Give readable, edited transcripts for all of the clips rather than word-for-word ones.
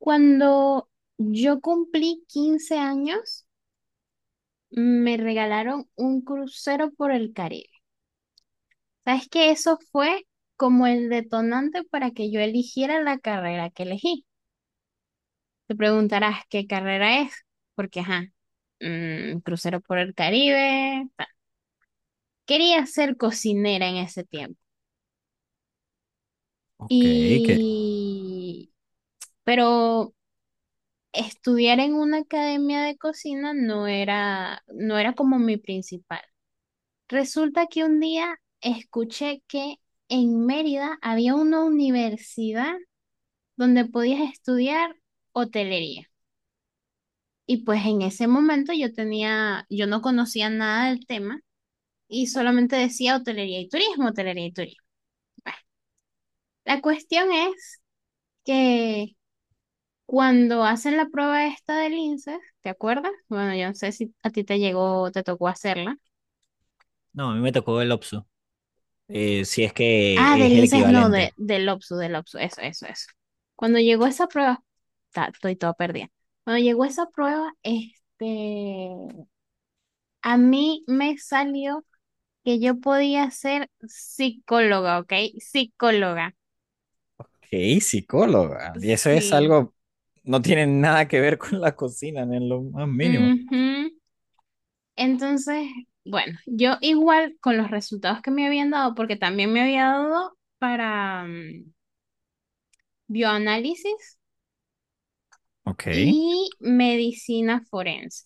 Cuando yo cumplí 15 años, me regalaron un crucero por el Caribe. ¿Sabes que eso fue como el detonante para que yo eligiera la carrera que elegí? Te preguntarás qué carrera es, porque, ajá, crucero por el Caribe. Ta. Quería ser cocinera en ese tiempo. Ok, que... Y, pero estudiar en una academia de cocina no era como mi principal. Resulta que un día escuché que en Mérida había una universidad donde podías estudiar hotelería. Y pues en ese momento yo no conocía nada del tema, y solamente decía hotelería y turismo, hotelería y turismo. Bueno, la cuestión es que cuando hacen la prueba esta del INSEE, ¿te acuerdas? Bueno, yo no sé si a ti te llegó o te tocó hacerla. No, a mí me tocó el OPSU, si es Ah, que del es el INSES, no, equivalente. del OPSU, eso, eso, eso. Cuando llegó esa prueba, estoy toda perdida. Cuando llegó esa prueba, a mí me salió que yo podía ser psicóloga, ¿ok? Psicóloga, Ok, psicóloga. Y eso es sí. algo, no tiene nada que ver con la cocina, ni en lo más mínimo. Ujú. Entonces, bueno, yo igual con los resultados que me habían dado, porque también me había dado para bioanálisis Ok. y medicina forense.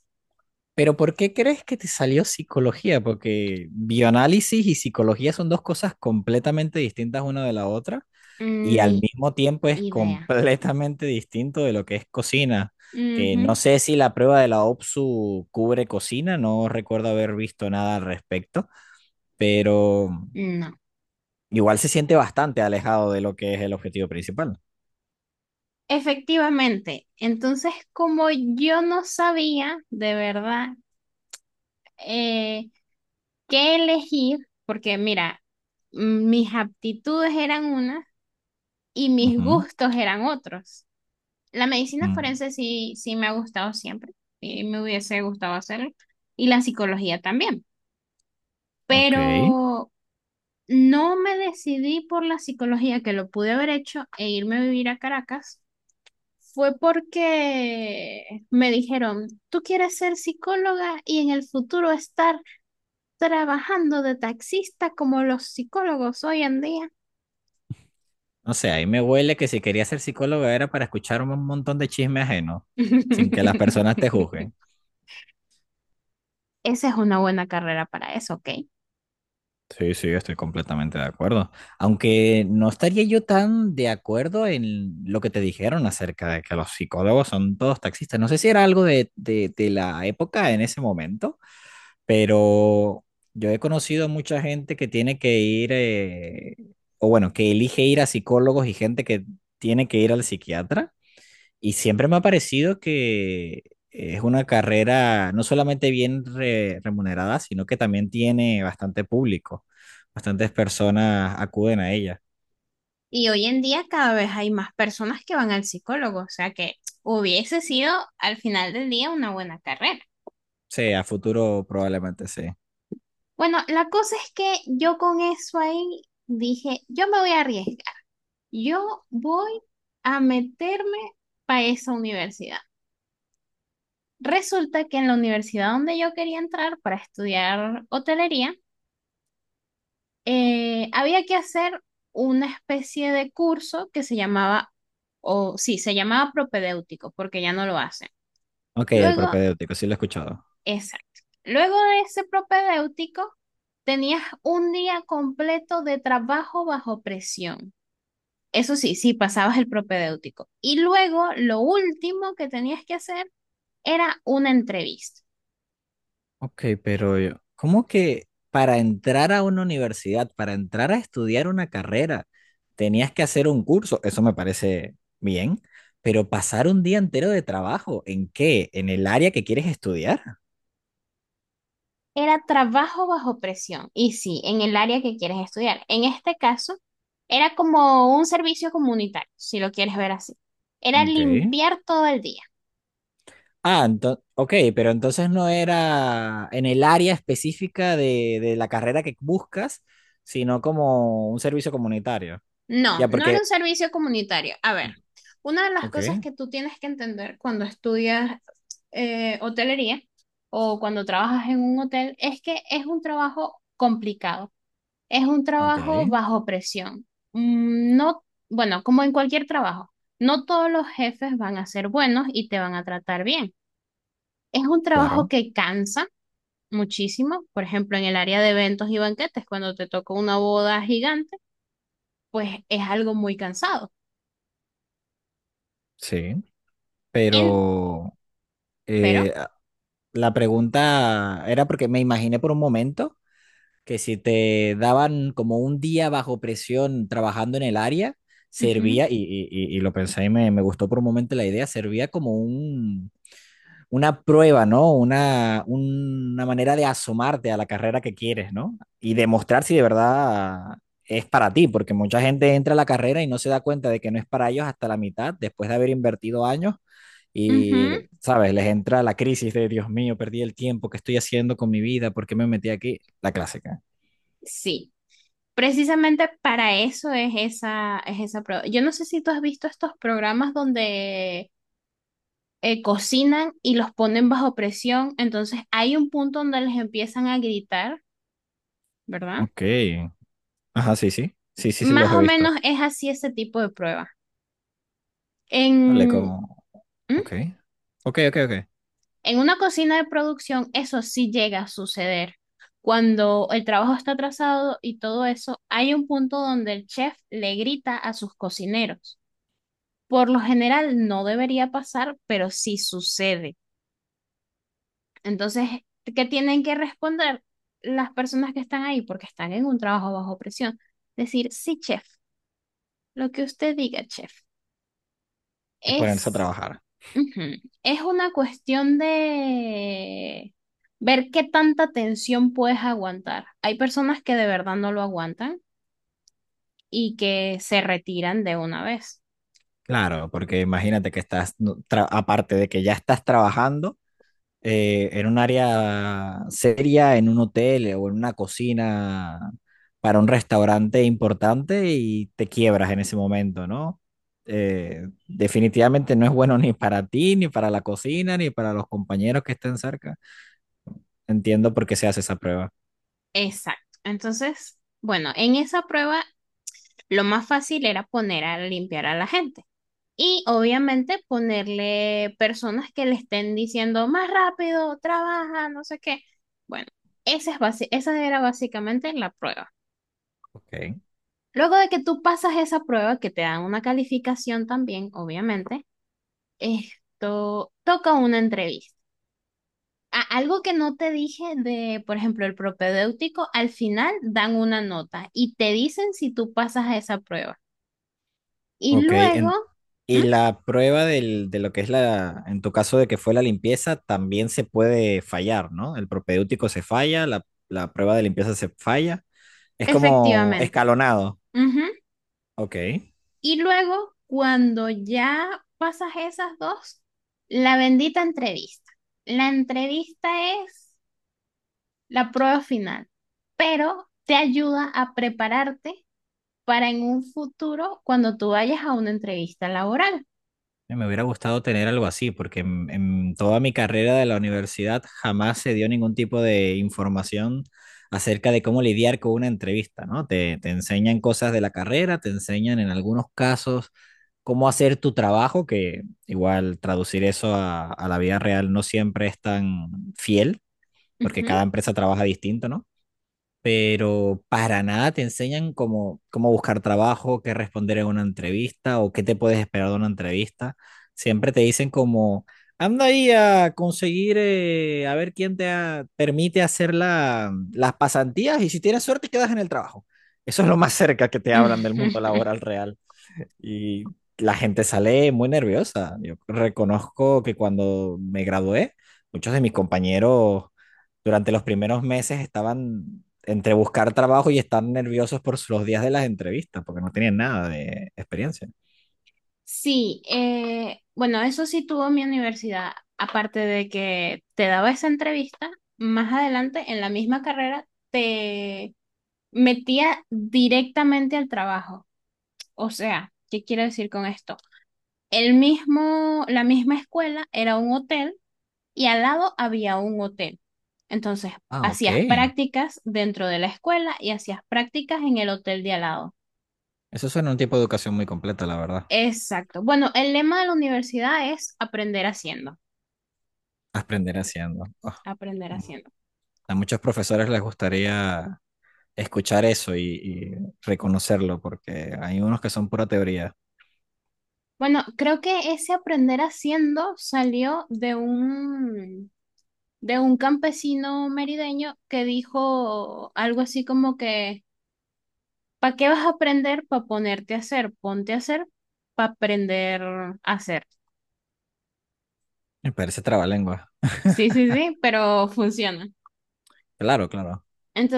Pero ¿por qué crees que te salió psicología? Porque bioanálisis y psicología son dos cosas completamente distintas una de la otra y al Mm, mismo tiempo es Idea. completamente distinto de lo que es cocina. Que Ujú. no sé si la prueba de la OPSU cubre cocina, no recuerdo haber visto nada al respecto, pero No. igual se siente bastante alejado de lo que es el objetivo principal. Efectivamente. Entonces, como yo no sabía de verdad eh, qué elegir, porque mira, mis aptitudes eran unas y mis Ujú. gustos eran otros. La medicina Mm. forense sí, sí me ha gustado siempre y me hubiese gustado hacerlo. Y la psicología también. Ok. Pero no me decidí por la psicología, que lo pude haber hecho e irme a vivir a Caracas. Fue porque me dijeron, tú quieres ser psicóloga y en el futuro estar trabajando de taxista como los psicólogos hoy en día. No sé, ahí me huele que si quería ser psicólogo era para escuchar un montón de chisme ajeno, sin que las personas te juzguen. Esa es una buena carrera para eso, ¿ok? Sí, sí, estoy completamente de acuerdo. Aunque no estaría yo tan de acuerdo en lo que te dijeron acerca de que los psicólogos son todos taxistas. No sé si era algo de, de la época en ese momento, pero yo he conocido mucha gente que tiene que ir, o bueno, que elige ir a psicólogos y gente que tiene que ir al psiquiatra. Y siempre me ha parecido que es una carrera no solamente bien remunerada, sino que también tiene bastante público. Bastantes personas acuden a ella. Y hoy en día cada vez hay más personas que van al psicólogo, o sea que hubiese sido al final del día una buena carrera. Sí, a futuro probablemente sí. Bueno, la cosa es que yo con eso ahí dije, yo me voy a arriesgar. Yo voy a meterme para esa universidad. Resulta que en la universidad donde yo quería entrar para estudiar hotelería, había que hacer una especie de curso que se llamaba, o sí, se llamaba propedéutico, porque ya no lo hacen. Ok, el Luego, propedéutico, sí lo he escuchado. exacto. Luego de ese propedéutico, tenías un día completo de trabajo bajo presión. Eso sí, sí, pasabas el propedéutico. Y luego lo último que tenías que hacer era una entrevista. Ok, pero ¿cómo que para entrar a una universidad, para entrar a estudiar una carrera, tenías que hacer un curso? Eso me parece bien, pero pasar un día entero de trabajo, ¿en qué? ¿En el área que quieres estudiar? Era trabajo bajo presión. Y sí, en el área que quieres estudiar. En este caso, era como un servicio comunitario, si lo quieres ver así. Era Ok. limpiar todo el día. Ah, entonces, ok, pero entonces no era en el área específica de la carrera que buscas, sino como un servicio comunitario. Ya, No, no era porque, un servicio comunitario. A ver, una de las cosas ok, que tú tienes que entender cuando estudias hotelería o cuando trabajas en un hotel es que es un trabajo complicado. Es un ok, trabajo bajo presión. No, bueno, como en cualquier trabajo, no todos los jefes van a ser buenos y te van a tratar bien. Es un trabajo claro, que cansa muchísimo. Por ejemplo, en el área de eventos y banquetes, cuando te toca una boda gigante, pues es algo muy cansado. sí, En- pero... pero, eh, la pregunta era porque me imaginé por un momento que si te daban como un día bajo presión trabajando en el área, ujú, servía, y lo pensé y me gustó por un momento la idea, servía como un, una prueba, ¿no? Una manera de asomarte a la carrera que quieres, ¿no? Y demostrar si de verdad es para ti, porque mucha gente entra a la carrera y no se da cuenta de que no es para ellos hasta la mitad, después de haber invertido años ujú, y, ¿sabes? Les entra la crisis de, Dios mío, perdí el tiempo, ¿qué estoy haciendo con mi vida? ¿Por qué me metí aquí? La clásica. sí, precisamente para eso es esa prueba. Yo no sé si tú has visto estos programas donde cocinan y los ponen bajo presión, entonces hay un punto donde les empiezan a gritar, ¿verdad? Ok. Ajá, sí, sí. Sí, sí, sí, Más los he o visto. menos es así ese tipo de prueba. Vale, En, como, ¿mm? ok. Ok, ok, ok. En una cocina de producción eso sí llega a suceder. Cuando el trabajo está atrasado y todo eso, hay un punto donde el chef le grita a sus cocineros. Por lo general no debería pasar, pero sí sucede. Entonces, ¿qué tienen que responder las personas que están ahí? Porque están en un trabajo bajo presión. Decir, sí, chef, lo que usted diga, chef, Y ponerse a es, trabajar. ujú, es una cuestión de ver qué tanta tensión puedes aguantar. Hay personas que de verdad no lo aguantan y que se retiran de una vez. Claro, porque imagínate que estás, no, aparte de que ya estás trabajando en un área seria, en un hotel o en una cocina para un restaurante importante y te quiebras en ese momento, ¿no? Definitivamente no es bueno ni para ti, ni para la cocina, ni para los compañeros que estén cerca. Entiendo por qué se hace esa prueba. Exacto. Entonces, bueno, en esa prueba lo más fácil era poner a limpiar a la gente. Y obviamente ponerle personas que le estén diciendo más rápido, trabaja, no sé qué. Bueno, esa era básicamente la prueba. Ok. Luego de que tú pasas esa prueba, que te dan una calificación también, obviamente, esto toca una entrevista. Algo que no te dije de, por ejemplo, el propedéutico, al final dan una nota y te dicen si tú pasas a esa prueba. Y Ok. luego, Y ¿mm? la prueba de lo que es la, en tu caso de que fue la limpieza, también se puede fallar, ¿no? El propedéutico se falla, la prueba de limpieza se falla. Es como Efectivamente. escalonado. Ujú. Ok. Y luego, cuando ya pasas esas dos, la bendita entrevista. La entrevista es la prueba final, pero te ayuda a prepararte para en un futuro cuando tú vayas a una entrevista laboral. Me hubiera gustado tener algo así, porque en toda mi carrera de la universidad jamás se dio ningún tipo de información acerca de cómo lidiar con una entrevista, ¿no? Te enseñan cosas de la carrera, te enseñan en algunos casos cómo hacer tu trabajo, que igual traducir eso a la vida real no siempre es tan fiel, porque Ujú. cada empresa trabaja distinto, ¿no? Pero para nada te enseñan cómo, cómo buscar trabajo, qué responder en una entrevista o qué te puedes esperar de una entrevista. Siempre te dicen como, anda ahí a conseguir, a ver quién permite hacer las pasantías y si tienes suerte quedas en el trabajo. Eso es lo más cerca que te hablan del mundo laboral real. Y la gente sale muy nerviosa. Yo reconozco que cuando me gradué, muchos de mis compañeros durante los primeros meses estaban entre buscar trabajo y estar nerviosos por los días de las entrevistas, porque no tenían nada de experiencia. Sí, bueno, eso sí tuvo mi universidad, aparte de que te daba esa entrevista, más adelante en la misma carrera te metía directamente al trabajo. O sea, ¿qué quiero decir con esto? La misma escuela era un hotel y al lado había un hotel. Entonces, Ah, ok. hacías prácticas dentro de la escuela y hacías prácticas en el hotel de al lado. Eso suena a un tipo de educación muy completa, la verdad. Exacto. Bueno, el lema de la universidad es aprender haciendo, Aprender haciendo. Ah, aprender mm. haciendo. A muchos profesores les gustaría escuchar eso y reconocerlo, porque hay unos que son pura teoría. Bueno, creo que ese aprender haciendo salió de un campesino merideño que dijo algo así como que ¿para qué vas a aprender? Para ponerte a hacer. Ponte a hacer para aprender a hacer. Me parece trabalengua. Sí, sí, sí, pero funciona. Claro, claro.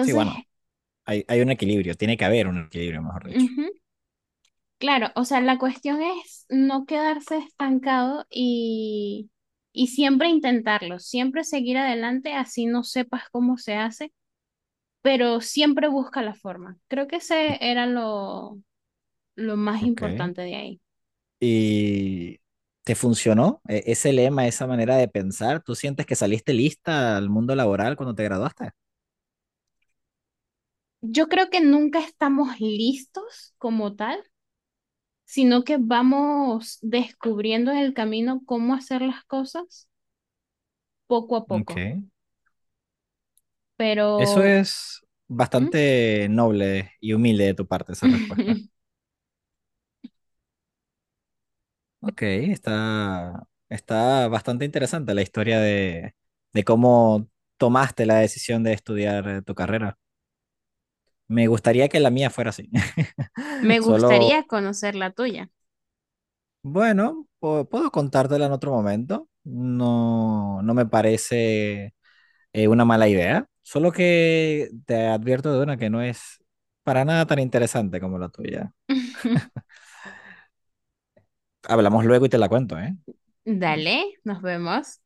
Sí, bueno, hay un equilibrio, tiene que haber un equilibrio, mejor dicho. ujú, claro, o sea, la cuestión es no quedarse estancado, y siempre intentarlo, siempre seguir adelante, así no sepas cómo se hace, pero siempre busca la forma. Creo que Y- ese era lo más Ok. importante de ahí. ¿Y te funcionó ese lema, esa manera de pensar? ¿Tú sientes que saliste lista al mundo laboral cuando te graduaste? Yo creo que nunca estamos listos como tal, sino que vamos descubriendo en el camino cómo hacer las cosas poco a Ok. poco. Eso Pero es. ¿mm? Bastante noble y humilde de tu parte esa respuesta. Ok, está, está bastante interesante la historia de cómo tomaste la decisión de estudiar tu carrera. Me gustaría que la mía fuera así. Me Solo gustaría conocer la tuya. bueno, puedo contártela en otro momento. No, no me parece una mala idea. Solo que te advierto de una que no es para nada tan interesante como la tuya. Hablamos luego y te la cuento, ¿eh? Dale, nos vemos.